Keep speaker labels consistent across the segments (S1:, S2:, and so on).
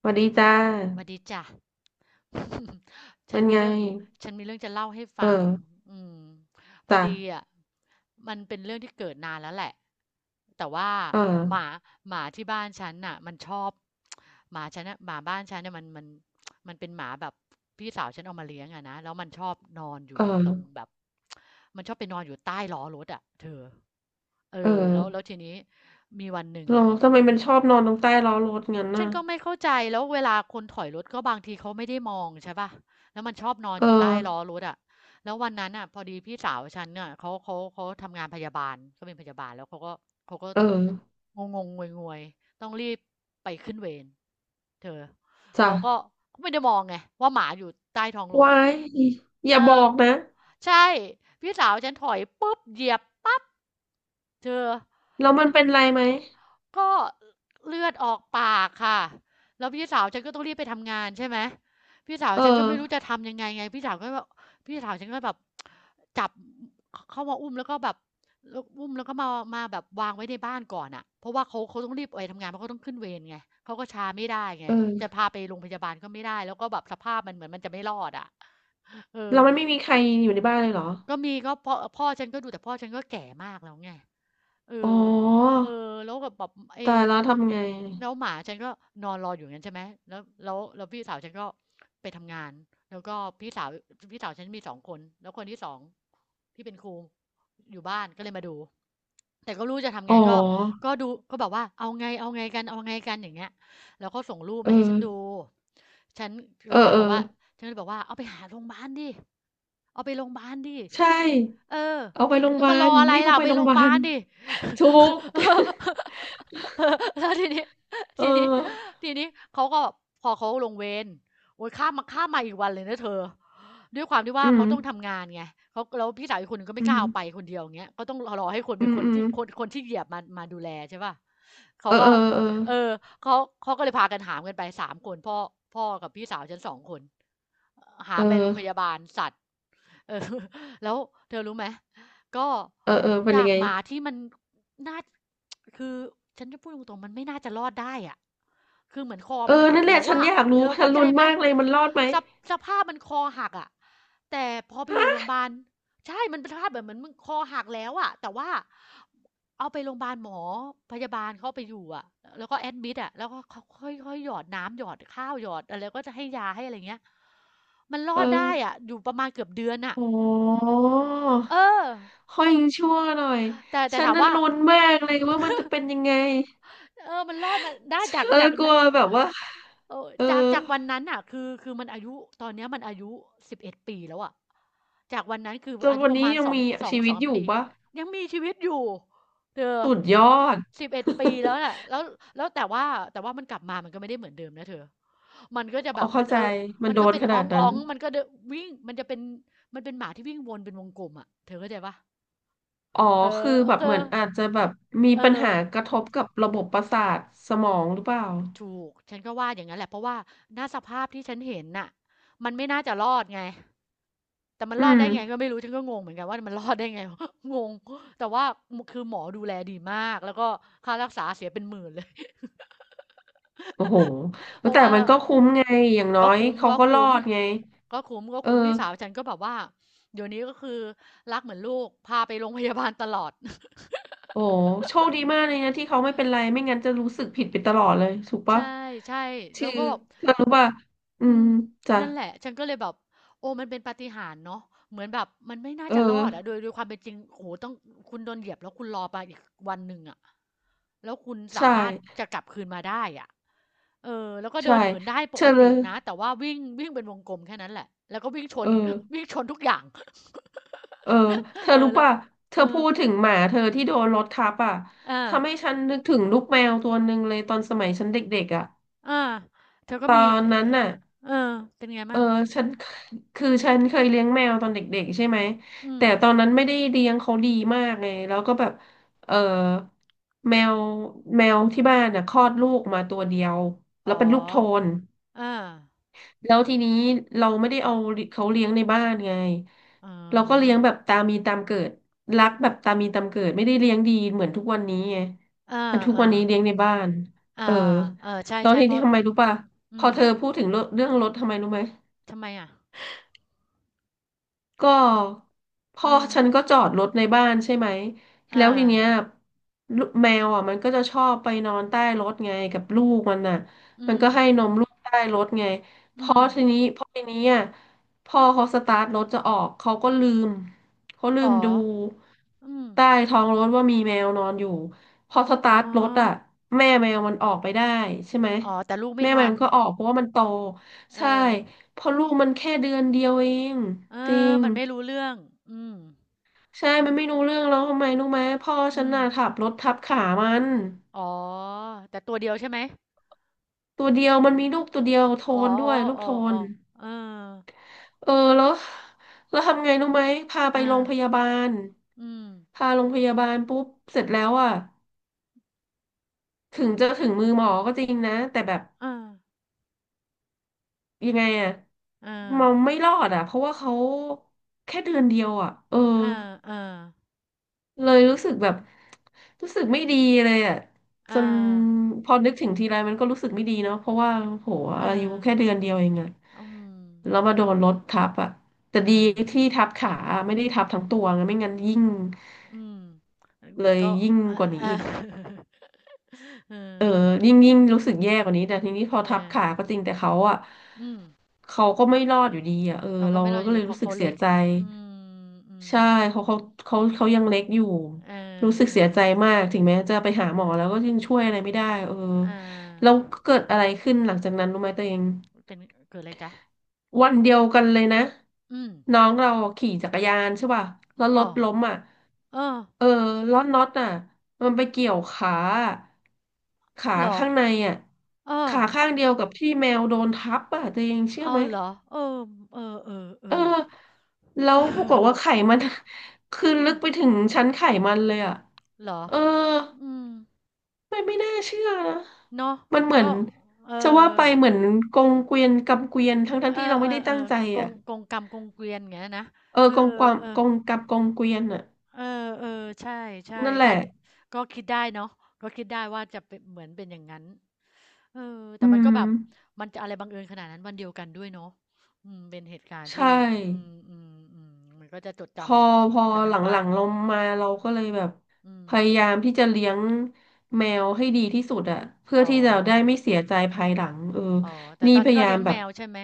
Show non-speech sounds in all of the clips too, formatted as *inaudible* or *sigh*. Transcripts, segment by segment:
S1: สวัสดีจ้า
S2: หวัดดีจ้ะ *laughs* ฉั
S1: มั
S2: น
S1: น
S2: มี
S1: ไง
S2: เรื่อง ฉันมีเรื่องจะเล่าให้
S1: เอ
S2: ฟัง
S1: อ
S2: อืมพอ
S1: จ้ะ
S2: ดีอ่ะมันเป็นเรื่องที่เกิดนานแล้วแหละแต่ว่า
S1: เอ
S2: หมา
S1: อ
S2: หมาที่บ้านฉันน่ะมันชอบหมาฉันน่ะหมาบ้านฉันเนี่ยมันมันเป็นหมาแบบพี่สาวฉันเอามาเลี้ยงอะนะแล้วมันชอบนอนอ
S1: เอ
S2: ยู่ตรง
S1: อ
S2: แบบมันชอบไปนอนอยู่ใต้ล้อรถอะเธอเอ
S1: เออ
S2: อแล้วทีนี้ มีวันหนึ่ง
S1: เรา
S2: อ่ะ
S1: ทำไมมันชอบนอนตรงใต้ล้อรถงั้น
S2: ฉั
S1: น่ะ
S2: นก็ไม่เข้าใจแล้วเวลาคนถอยรถก็บางทีเขาไม่ได้มองใช่ป่ะแล้วมันชอบนอน
S1: เอ
S2: อยู่ใต้ล้อ
S1: อ
S2: รถอะแล้ววันนั้นอ่ะพอดีพี่สาวฉันเน่ยเขาทำงานพยาบาลเขาเป็นพยาบาลแล้วเขาก็
S1: เออ
S2: งงงงวยๆต้องรีบไปขึ้นเวรเธอ
S1: จ้ะ
S2: เขาก็เขาไม่ได้มองไงว่าหมาอยู่ใต้ท้องรถ
S1: ว้ายอ
S2: เอ
S1: ย่าบอ
S2: อ
S1: กนะ
S2: ใช่พี่สาวฉันถอยปุ๊บเหยียบปั๊บเธอ
S1: แล้วมันเป็นไรไหม
S2: ก็เลือดออกปากค่ะแล้วพี่สาวฉันก็ต้องรีบไปทำงานใช่ไหมพี่สาว
S1: เออ
S2: ฉันก็ไม่รู้จะทำยังไงไงพี่สาวก็แบบพี่สาวฉันก็แบบจับขเข้ามาอุ้มแล้วก็แบบแล้วอุ้มแล้วก็มามาแบบวางไว้ในบ้านก่อนน่ะเพราะว่าเขาต้องรีบไปทำงานเพราะเขาต้องขึ้นเวรไงเขาก็ช้าไม่ได้ไงจะ
S1: เออ
S2: พาไปโรงพยาบาลก็ไม่ได้แล้วก็แบบสภาพมันเหมือนมันจะไม่รอดอะเออ
S1: เรามันไม่มีใครอยู่ในบ้านเลยเหรอ
S2: ก็มีก็พ่อฉันก็ดูแต่พ่อฉันก็แก่มากแล้วไง เอ
S1: อ๋อ
S2: อเออแล้วกบบแบบไอ้
S1: ตายแล้วทำไง
S2: แล้วหมาฉันก็นอนรออยู่อย่างนั้นใช่ไหมแล้วพี่สาวฉันก็ไปทำงานแล้วก็พี่สาวพี่สาวฉันมีสองคนแล้วคนที่สองที่เป็นครูอยู่บ้านก็เลยมาดู แต่ก็ไม่รู้จะทำ
S1: อ๋อ
S2: ไงก็ดูก็แบบว่าเอาไงกันเอาไงกันอย่างเงี้ยแล้วเขาส่งรูป
S1: เอ
S2: มาให้ฉันดู
S1: อ
S2: ฉัน
S1: เอ
S2: แล้
S1: อ
S2: วเขา
S1: เอ
S2: บ
S1: อ
S2: อกว่าฉันก็เลยบอกว่าเอาไปหาโรงพยาบาลดิเอาไปโรงพยาบาลดิ
S1: ใช่
S2: เออ
S1: เอาไปโรงพ
S2: แล้
S1: ยา
S2: ว
S1: บา
S2: มารอ
S1: ล
S2: อะไร
S1: รีบเอา
S2: ล่ะ
S1: ไป
S2: ไป
S1: โร
S2: โร
S1: งพยา
S2: งพ
S1: บา
S2: ยาบา
S1: ล
S2: ลดิ
S1: *laughs* ทุก *laughs*
S2: *laughs* แล้วทีนี้
S1: เอ
S2: ทีนี้
S1: อ
S2: ทีนี้เขาก็พอเขาลงเวรโอ้ยข้ามมาอีกวันเลยนะเธอ ด้วยความที่ว่า
S1: อืม
S2: เขาต้องทำงานไงเขาแล้วพี่สาวอีกคนหนึงก็
S1: อื
S2: ไม่กล้าเอาไป
S1: ม
S2: คนเดียวอย่างเงี้ยก็ต้องรอให้คน
S1: อื
S2: เป็น
S1: ม
S2: คน
S1: อืม
S2: ที่คนที่เหยียบมามาดูแลใช่ป่ะเขา
S1: เออ
S2: ก็
S1: เออเออ
S2: เออเขาเขาก็เลยพากันหามกันไปสามคนพ่อกับพี่สาวฉันสองคน หา
S1: เ
S2: มไปโรงพยา
S1: ออ
S2: บาลสัตว์ เออ *laughs* แล้วเธอรู้ไหมก็
S1: เออเออเป็น
S2: จา
S1: ยัง
S2: ก
S1: ไง
S2: หมาที่มันน่า *tsk* คือฉันจะพูดตรงๆมันไม่น่าจะรอดได้อะคือเหมือนคอ
S1: เออ
S2: มันหัก
S1: นั่นแหละ
S2: แล้ว
S1: ฉัน
S2: ว่า
S1: อยากรู้
S2: เธอ
S1: ฉั
S2: เข้า
S1: น
S2: ใจ
S1: ลุ้น
S2: ไหม
S1: มากเลยมันรอดไหม
S2: สภสภาพมันคอหักอ่ะแต่พอไปอยู่โรงพยาบาลใช่มันเป็นสภาพแบบเหมือนมึงคอหักแล้วอ่ะแต่ว่า เอาไปโรงพยาบาลหมอพยาบาลเขาเอาไปอยู่อะแล้วก็แอดมิดอะแล้วก็ค่อยค่อยหยอดน้ำหยอดข้าวหยอดอะไรก็จะให้ยาให้อะไรเงี้ยมันรอ
S1: เออ
S2: ดได้อะอยู่ประมาณเกือบเดือนอ่ะ
S1: โอ้
S2: เออ
S1: ค่อยยังชั่วหน่อย
S2: แต่
S1: ฉัน
S2: ถาม
S1: นั้น
S2: ว่า
S1: ลุ้นมากเลยว่ามันจะเป็นยังไง
S2: เออมันรอดมาได้จาก
S1: เออ
S2: จาก
S1: กลัวแบบว่า
S2: เออ
S1: เออ
S2: จากวันนั้นน่ะคือมันอายุตอนเนี้ยมันอายุ11ปีแล้วอะจากวันนั้นคือ
S1: จน
S2: อายุ
S1: วัน
S2: ประ
S1: นี้
S2: มาณ
S1: ยั
S2: ส
S1: ง
S2: อง
S1: มี
S2: สอง
S1: ชี
S2: ส
S1: วิ
S2: อ
S1: ต
S2: ง
S1: อยู่
S2: ปี
S1: ปะ
S2: ยังมีชีวิตอยู่เธอ
S1: สุดยอด
S2: สิบเอ็ดปี
S1: *laughs*
S2: แล้วน่ะแล้วแล้วแต่ว่าแต่ว่ามันกลับมามันก็ไม่ได้เหมือนเดิมนะเธอมันก็จะ
S1: อ๋
S2: แบ
S1: อ
S2: บเป็
S1: เข้า
S2: น
S1: ใจ
S2: เออ
S1: มัน
S2: มัน
S1: โด
S2: ก็
S1: น
S2: เป็น
S1: ขนาดนั้
S2: อ๊
S1: น
S2: องๆมันก็เดอะวิ่งมันจะเป็นมันเป็นหมาที่วิ่งวนเป็นวงกลมอะเธอเข้าใจเปล่า
S1: อ๋อ
S2: เอ
S1: คื
S2: อ
S1: อแบบ
S2: เธ
S1: เหมื
S2: อ
S1: อนอาจจะแบบมี
S2: เอ
S1: ปัญ
S2: อ
S1: หากระทบกับระบบประสาทสมองหรือเปล่า
S2: ถูกฉันก็ว่าอย่างงั้นแหละเพราะว่าณสภาพที่ฉันเห็นน่ะมันไม่น่าจะรอดไง แต่มัน
S1: อื
S2: รอดได้
S1: ม
S2: ไงก็ไม่รู้ฉันก็งงเหมือนกันว่ามันรอดได้ไง *laughs* งง แต่ว่าคือหมอดูแลดีมากแล้วก็ค่ารักษาเสียเป็นหมื่นเลย
S1: โอ้โห
S2: *laughs* เพราะ
S1: แต่
S2: ว่า
S1: มันก็คุ้มไงอย่างน้อ
S2: ก็
S1: ย
S2: คุ้ม
S1: เขา
S2: ก็
S1: ก็รอ
S2: คุ้ม
S1: ดไง
S2: ก็คุ้มก็
S1: เอ
S2: คุ้ม
S1: อ
S2: พี่สาวฉันก็แบบว่าเดี๋ยวนี้ก็คือรักเหมือนลูกพาไปโรงพยาบาลตลอด
S1: โอ้โหโชคดีมากเลยนะที่เขาไม่เป็นไรไม่งั้นจะรู้สึกผิดไปตลอดเลยถูก
S2: ใช
S1: ปะ
S2: ่ๆแล้
S1: คือ
S2: วก็แบบ
S1: เธอรู้ป่ะอื
S2: อื
S1: ม
S2: ม
S1: จ้ะ
S2: นั่นแหละฉันก็เลยแบบโอ้มันเป็นปาฏิหาริย์เนาะเหมือนแบบมันไม่น่า
S1: เออ
S2: จะรอดอะโดยความเป็นจริงโอ้โหต้องคุณโดนเหยียบแล้วคุณรอไปอีกวันหนึ่งอะแล้วคุณสา
S1: ใช่
S2: มารถจะกลับคืนมาได้อะเออแล้วก็เดิ
S1: ใช่
S2: นเหินได้
S1: เธ
S2: ปก
S1: อเล
S2: ตินะ
S1: ย
S2: แต่ว่าวิ่งวิ่งเป็นวงกลมแค่นั้นแหละแล้วก็วิ่งช
S1: เอ
S2: น *laughs*
S1: อ
S2: วิ่งชนทุกอย่าง
S1: เออเธ
S2: *laughs*
S1: อ
S2: เออ
S1: รู้
S2: แล้ว
S1: ป่ะเธ
S2: เอ
S1: อ
S2: อ
S1: พูดถึงหมาเธอที่โดนรถทับอ่ะทำ
S2: อา
S1: ให้ฉันนึกถึงลูกแมวตัวหนึ่งเลยตอนสมัยฉันเด็กๆอ่ะ
S2: อาเธอก็
S1: ตอ
S2: มี
S1: น
S2: เอ
S1: นั้นน่ะ
S2: อเออเป็นไง
S1: เอ
S2: มั่
S1: อ
S2: ง
S1: ฉันคือฉันเคยเลี้ยงแมวตอนเด็กๆใช่ไหม
S2: อืม
S1: แต่ตอนนั้นไม่ได้เลี้ยงเขาดีมากไงแล้วก็แบบเออแมวที่บ้านน่ะคลอดลูกมาตัวเดียว
S2: อ๋
S1: แล้
S2: อ
S1: วเป็นลูกโทน
S2: อา
S1: แล้วทีนี้เราไม่ได้เอาเขาเลี้ยงในบ้านไง
S2: อ๋อ
S1: เราก็เลี้ยงแบบตามมีตามเกิดรักแบบตามมีตามเกิดไม่ได้เลี้ยงดีเหมือนทุกวันนี้ไง
S2: อ
S1: มันทุกวันนี้
S2: า
S1: เลี้ยงในบ้าน
S2: อ่า
S1: เออ
S2: อาเออ ใช่
S1: ตอน
S2: ใช่
S1: ที่
S2: เพราะ
S1: ทำไมรู้ป่ะ
S2: อื
S1: พอ
S2: ม
S1: เธอพูดถึงเรื่องรถทำไมรู้ไหม
S2: ทำไมอะ
S1: ก็
S2: อื
S1: พ่อ
S2: อ
S1: ฉันก็จอดรถในบ้านใช่ไหม
S2: ออา
S1: แล้วทีเนี้ยลูกแมวอ่ะมันก็จะชอบไปนอนใต้รถไงกับลูกมันน่ะ
S2: อื
S1: มัน
S2: ม
S1: ก็ให้นมลูกใต้รถไงพ
S2: อื
S1: อ
S2: ม
S1: ทีนี้พอทีนี้อ่ะพ่อเขาสตาร์ทรถจะออกเขาก็ลืมเขาลื
S2: อ๋อ
S1: มดู
S2: อืม
S1: ใต้ท้องรถว่ามีแมวนอนอยู่พอส
S2: อ๋อ
S1: ตาร์ทรถอ่ะแม่แมวมันออกไปได้ใช่ไหม
S2: อ๋อแต่ลูกไม่
S1: แม่แม
S2: ทั
S1: ว
S2: น
S1: มันก็ออกเพราะว่ามันโต
S2: เอ
S1: ใช่
S2: อ
S1: เพราะลูกมันแค่เดือนเดียวเอง
S2: เออ
S1: จริง
S2: มันไม่รู้เรื่อง อืม
S1: ใช่มันไม่รู้เรื่องแล้วทำไมรู้ไหมพ่อฉั
S2: อื
S1: น
S2: ม
S1: น่ะขับรถทับขามัน
S2: อ๋อแต่ตัวเดียวใช่ไหม
S1: ตัวเดียวมันมีลูกตัวเดียวโท
S2: อ๋อ
S1: นด้วยลู
S2: อ
S1: ก
S2: ออ
S1: โท
S2: ออ๋
S1: น
S2: อเออ
S1: เออแล้วทำไงรู้ไหมพา
S2: เอ
S1: ไป
S2: อ
S1: โรงพยาบาล
S2: อืม
S1: พาโรงพยาบาลปุ๊บเสร็จแล้วอ่ะถึงจะถึงมือหมอก็จริงนะแต่แบบ
S2: เออ
S1: ยังไงอ่ะ
S2: เออ
S1: มันไม่รอดอ่ะเพราะว่าเขาแค่เดือนเดียวอ่ะเออ
S2: เออๆ
S1: เลยรู้สึกแบบรู้สึกไม่ดีเลยอ่ะจ
S2: อา
S1: นพอนึกถึงทีไรมันก็รู้สึกไม่ดีเนาะเพราะว่าโห
S2: เออ
S1: อายุแค่เดือนเดียวเองอ่ะ
S2: เออ อืม
S1: แล้วมาโดนรถทับอ่ะแต่ดี
S2: อา
S1: ที่ทับขาไม่ได้ทับทั้งตัวไงไม่งั้นยิ่ง
S2: อืม
S1: เลย
S2: ก็
S1: ยิ่ง
S2: อา
S1: กว่านี้
S2: อา
S1: อีก
S2: *laughs* เออ
S1: เออยิ่ง
S2: เนี่ย
S1: รู้สึกแย่กว่านี้แต่ทีนี้พอ
S2: เจอ
S1: ทับขาก็จริงแต่เขาอ่ะ
S2: อืม
S1: เขาก็ไม่รอดอยู่ดีอ่ะเออ
S2: เขาก็
S1: เรา
S2: ไม่เล่า
S1: เรา
S2: อ
S1: ก็
S2: ยู่ดี
S1: เลย
S2: เพ
S1: รู้
S2: ราะ
S1: สึ
S2: เขา
S1: กเสี
S2: เล็
S1: ย
S2: ก
S1: ใจ
S2: อืมอื
S1: ใช่
S2: ม
S1: เขาเขาเขายังเล็กอยู่
S2: เออ
S1: รู้สึกเสียใจ
S2: ๆ
S1: มากถึงแม้จะไปหาหมอแล้วก็
S2: เออ
S1: ยังช่วยอะไรไม่ได้เออ
S2: เอ
S1: แล้ว
S2: า
S1: เกิดอะไรขึ้นหลังจากนั้นรู้ไหมตัวเอง
S2: เป็นเกิดอะไรจ๊ะ
S1: วันเดียวกันเลยนะ
S2: อืม
S1: น้องเราขี่จักรยานใช่ป่ะแล้วร
S2: อ้า
S1: ถล้มอ่ะ
S2: เออ
S1: เออล้อน็อตอ่ะมันไปเกี่ยวขาอะขา
S2: เหรอ
S1: ข้างในอ่ะ
S2: เออ
S1: ขาข้างเดียวกับที่แมวโดนทับอ่ะตัวเองเชื่อ
S2: เอ้า
S1: ไหม
S2: เหรอเออเออเออเออเอ
S1: เออ
S2: อ
S1: แล้วปรากฏว่าไข่มัน *laughs* คือ
S2: อืม
S1: ลึกไปถึงชั้นไข่มันเลยอ่ะ
S2: เหรอ
S1: เออ
S2: อืม
S1: ไม่น่าเชื่อนะ
S2: เนาะ
S1: มันเหมือ
S2: ก็
S1: น
S2: เอ
S1: จะว่า
S2: อ
S1: ไปเหมือนกงเกวียนกับเกวียนทั้ง
S2: เอ
S1: ที่
S2: อ
S1: เรา
S2: เอ
S1: ไม่ได้
S2: อเอ
S1: ตั้ง
S2: อ
S1: ใจ
S2: ก
S1: อ่ะ
S2: งกงกรรมกงเกวียนอย่างเงี้ยนะ
S1: เออ
S2: เออ
S1: กงความ
S2: เออ
S1: กงกับกงเกวียนอ่ะ
S2: เออๆใช่ใช่
S1: นั่นแหละ
S2: ถ้าก็คิดได้เนาะก็คิดได้ว่าจะเป็นเหมือนเป็นอย่างนั้นเออ
S1: อื
S2: แต่มันก็
S1: ม
S2: แบบมันจะอะไรบังเอิญขนาดนั้นวันเดียวกันด้วยเนาะอืมเป็นเหตุการณ์
S1: ใช่
S2: ที่อืมอืมอืมมันก็จะจดจ
S1: พอพอ
S2: ำกัน
S1: ห
S2: ทั้
S1: ล
S2: งบ้า
S1: ั
S2: น
S1: งๆเรามาเราก็เลยแบบ
S2: อืม
S1: พยายามที่จะเลี้ยงแมวให้ดีที่สุดอ่ะเพื่อ
S2: อ๋อ
S1: ที่จะได้ไม่เสียใจภายหลังเออ
S2: อ๋อแต่
S1: นี่
S2: ตอน
S1: พ
S2: นี้
S1: ยา
S2: ก็
S1: ยา
S2: เลี้
S1: ม
S2: ยง
S1: แบ
S2: แม
S1: บ
S2: วใช่ไหม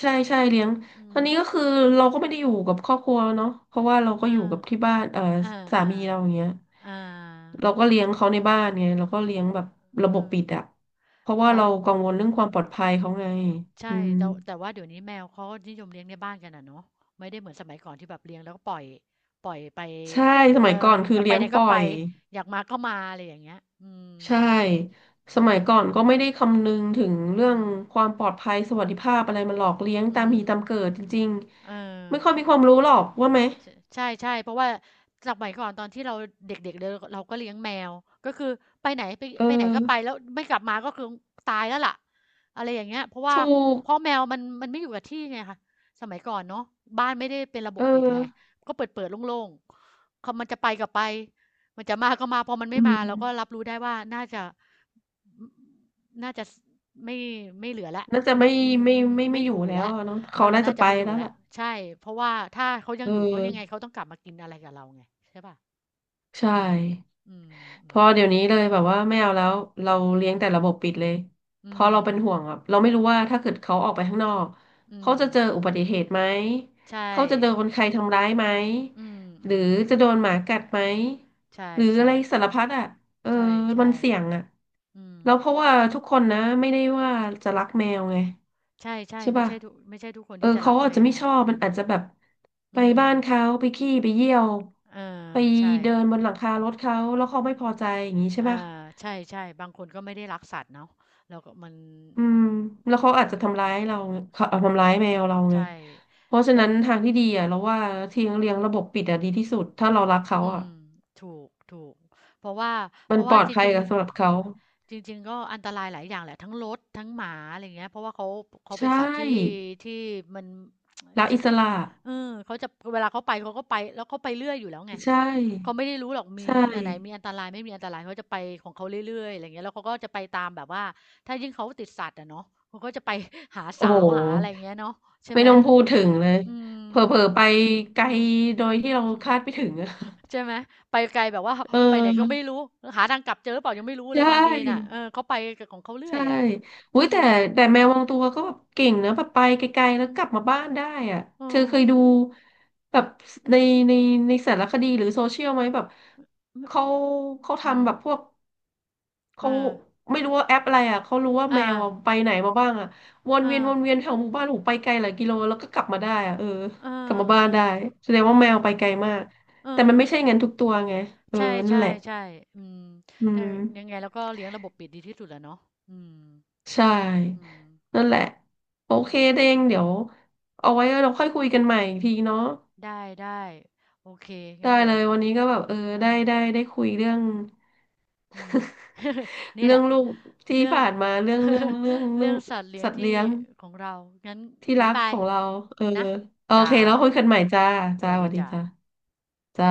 S1: ใช่ใช่เลี้ยง
S2: อื
S1: ตอนนี้ก็
S2: ม
S1: คือเราก็ไม่ได้อยู่กับครอบครัวเนาะเพราะว่าเราก็
S2: อ่
S1: อยู่กับที่
S2: า
S1: บ้านเอ่อ
S2: อา
S1: สา
S2: อ่า
S1: มีเราอย่างเงี้ย
S2: อ่า
S1: เราก็เลี้ยงเขาในบ้านไงเราก็เลี้ยงแบบระ
S2: เอ
S1: บบ
S2: อ
S1: ปิดอะเพราะว่า
S2: อ๋อ
S1: เรากังวลเรื่องความปลอดภัยเขาไงอื
S2: ใช่
S1: ม
S2: แต่แต่ว่าเดี๋ยวนี้แมวเขาก็นิยมเลี้ยงในบ้านกันอะเนาะไม่ได้เหมือนสมัยก่อนที่แบบเลี้ยงแล้วก็ปล่อยปล่อยไป
S1: ใช่ส
S2: เออ
S1: มัยก่อนคื
S2: อ
S1: อ
S2: ยากไป
S1: เลี้ยง
S2: ไหน
S1: ป
S2: ก็
S1: ล่อ
S2: ไป
S1: ย
S2: อยากมาก็มาอะไรอย่างเงี้ยอื
S1: ใช่
S2: ม
S1: ส
S2: อื
S1: มัย
S2: ม
S1: ก่อนก็ไม่ได้คำนึงถึงเรื่อ
S2: อื
S1: ง
S2: ม
S1: ความปลอดภัยสวัสดิภาพอะไรมันหลอกเลี้ยงตา
S2: อื
S1: มมี
S2: ม
S1: ตามเกิดจริง
S2: เออ
S1: ๆไม่ค่อยมีความรู้หรอกว่าไหม
S2: ใช่ใช่ใช่เพราะว่าสมัยก่อนตอนที่เราเด็กๆเลยเราก็เลี้ยงแมวก็คือไปไหนไป
S1: เอ
S2: ไปไหน
S1: อ
S2: ก็ไปแล้วไม่กลับมาก็คือตายแล้วล่ะอะไรอย่างเงี้ยเพราะว่า
S1: ถูก
S2: เพราะแมวมันมันไม่อยู่กับที่ไงคะสมัยก่อนเนาะบ้านไม่ได้เป็นระบ
S1: เอ
S2: บ
S1: อ
S2: ปิดไงก็เปิดๆโล่งๆเขามันจะไปก็ไปมันจะมาก็มาพอมัน
S1: อื
S2: ไม่มาเราก็รั
S1: ม
S2: บรู้ได้ว่าน่าจะน่าจะไม่ไม่เหลือแล้ว
S1: น่าจะ
S2: ไม่
S1: ไม่
S2: ไม่
S1: อ
S2: อ
S1: ยู่
S2: ยู่
S1: แล้ว
S2: แล้ว
S1: อะเนาะ
S2: เอ
S1: เขา
S2: อ
S1: น่า
S2: น่า
S1: จะ
S2: จะ
S1: ไป
S2: ไม่อยู่
S1: แล้ว
S2: แล้ว
S1: ล่ะ
S2: ใช่เพราะว่าถ้าเขายัง
S1: เอ
S2: อยู่เขายังไง
S1: อ
S2: เขาต้องกลับมากินอะไรกับเราไงใช่เปล่า
S1: ใช
S2: อืม
S1: ่
S2: อืมอื
S1: พอ
S2: ม
S1: เดี๋ยวนี้เลยแบบว่าไม่เอาแล้วเรา
S2: อื
S1: เลี้ยง
S2: ม
S1: แต่ระบบปิดเลยเพ
S2: อื
S1: ราะเรา
S2: ม
S1: เป็นห่วงอ่ะเราไม่รู้ว่าถ้าเกิดเขาออกไปข้างนอก
S2: อื
S1: เขา
S2: ม
S1: จะเจออุบัติเหตุไหม
S2: ใช่
S1: เขาจะโดนใครทำร้ายไหม
S2: อืม
S1: ห
S2: อื
S1: รือ
S2: ม
S1: จะโดนหมากัดไหม
S2: ใช่
S1: หรือ
S2: ๆใช
S1: อะไรสารพั
S2: ่
S1: ดอ่ะเออมั
S2: ใช่
S1: นเสี่ยงอ่ะ
S2: อืม
S1: แล้วเพราะว่าทุกคนนะไม่ได้ว่าจะรักแมวไง
S2: ใช่
S1: ใช่
S2: ๆไม่
S1: ป่ะ
S2: ใช่ทุกไม่ใช่ทุกคน
S1: เออ
S2: ที่จะรั
S1: เขา
S2: ก
S1: อา
S2: แม
S1: จจะไม่
S2: ว
S1: ชอบ
S2: อื
S1: มัน
S2: ม
S1: อาจจะแบบไป
S2: อืม
S1: บ้านเขาไปขี้ไปเยี่ยว
S2: เอ
S1: ไป
S2: อใช่
S1: เดินบนหลังคารถเขาแล้วเขาไม่พอใจอย่างนี้ใช่
S2: อา
S1: ป่ะ
S2: ใช่ๆบางคนก็ไม่ได้รักสัตว์เนาะแล้วก็มัน
S1: อื
S2: มั
S1: ม
S2: น
S1: แล้วเขาอาจจะทำ
S2: อื
S1: ร้าย
S2: ม
S1: เราเขาเอาทำ
S2: เอ
S1: ร้ายแมว
S2: อ
S1: เราไง
S2: ใช่
S1: เพราะฉะ
S2: แล้ว
S1: นั้นทางที่ดีอ่ะเราว่าทิ้งเลี้ยงระบบปิดอ่ะดีที่สุดถ้าเรารักเขา
S2: อื
S1: อ่ะ
S2: มถูกถูกเพราะว่าเพ
S1: มัน
S2: ราะ
S1: ป
S2: ว่า
S1: ลอด
S2: จ
S1: ภั
S2: ริ
S1: ย
S2: ง
S1: กับสำหรับเขา
S2: ๆจริงๆก็อันตรายหลายอย่างแหละทั้งรถทั้งหมาอะไรอย่างเงี้ยเพราะว่าเขาเขาเป็น
S1: ใช่
S2: สัตว์ที่ที่มัน
S1: รัก
S2: *tsk* ช
S1: อิสระ
S2: เออเขาจะเวลาเขาไปเขาก็ไปแล้วเขาไปเรื่อยอยู่แล้วไง
S1: ใช่
S2: เขาไม่ได้รู้หรอกมี
S1: ใช่
S2: อันไหนมีอันตรายไม่มีอันตรายเขาจะไปของเขาเรื่อยๆอะไรอย่างเงี้ยแล้วเขาก็จะไปตามแบบว่าถ้ายิ่งเขาติดสัตว์อะเนาะเขาก็จะไป *laughs* หา
S1: โอ้
S2: สาว
S1: โห
S2: หาอะไรอย่างเงี้ยเนาะใช่
S1: ไม่
S2: ไหม
S1: ต้องพูดถึงเลย
S2: อืม
S1: เผลอๆไปไกล
S2: อืม
S1: โดยที่เราคาดไม่ถึงอะ
S2: ใช่ไหมไปไกลแบบว่า
S1: *laughs* เอ
S2: *laughs* ไปไหนก็ไม่
S1: อ
S2: รู้หาทางกลับเจอหรือเปล่ายังไม่รู้
S1: ใช
S2: เลยบางทีน่ะ
S1: ่
S2: เออเขาไปกับของเขาเรื่อ
S1: ใช่
S2: ยอะอื
S1: อุ้ย
S2: ม
S1: แต่แมวบางตัวก็แบบเก่งนะแบบไปไกลๆ
S2: อื
S1: แล้วกลับมา
S2: ม
S1: บ้านได้อ่ะ
S2: อ
S1: เธอเค
S2: ม
S1: ยดูแบบในในในสารคดีหรือโซเชียลไหมแบบ
S2: อม
S1: เขาเขา
S2: อืม
S1: ทำแบบพวก
S2: เอ
S1: เขา
S2: อ
S1: ไม่รู้ว่าแอปอะไรอ่ะ เขารู้ว่า
S2: อา
S1: แมวอะไปไหนมาบ้างอ่ะ
S2: อ่า
S1: วนเวียนแถวหมู่บ้านหูไปไกลหลายกิโลแล้วก็กลับมาได้อ่ะเออ
S2: เอ
S1: กลั
S2: อ
S1: บมา
S2: เออ
S1: บ้านได้แสดง
S2: เออ
S1: ว่าแมวไปไกลมาก
S2: เอ
S1: แต่มัน
S2: อ
S1: ไม่ใช่งั้นทุกตัวไงเออ
S2: ใช่
S1: นั่น
S2: ใช่
S1: แหละ
S2: ใช่อืม
S1: อื
S2: แต่
S1: ม
S2: ยังไงเราก็เลี้ยงระบบปิดดีที่สุดแหละเนาะอืม
S1: ใช่
S2: อืม
S1: นั่นแหละโอเค
S2: เดี๋ยว
S1: เด้งเดี๋ยวเอาไว้เราค่อยคุยกันใหม่อีกทีเนาะ
S2: ได้ได้โอเค
S1: ได้
S2: งั้นเดี๋ย
S1: เล
S2: ว
S1: ยวันนี้ก็แบบเออ
S2: เอ
S1: ได้
S2: อ
S1: ได้ได้คุยเรื่อง
S2: อืม
S1: *laughs*
S2: *laughs* นี่แห
S1: เรื่อ
S2: ละ
S1: งลูกที่
S2: เรื่อง
S1: ผ่านมา
S2: *laughs*
S1: เรื่อ
S2: เรื่อ
S1: ง
S2: งสัตว์เลี้ยง
S1: สัตว์
S2: ที่
S1: เลี้ยง
S2: ของเรางั้น
S1: ที่รั
S2: บ๊าย
S1: ก
S2: บา
S1: ข
S2: ย
S1: องเราเออ
S2: นะ
S1: โอ
S2: จ้า
S1: เค แล้วคุยกันใหม่จ้า
S2: ส
S1: จ้า
S2: วัส
S1: ส
S2: ดี
S1: วัสดี
S2: จ้า
S1: จ้าจ้า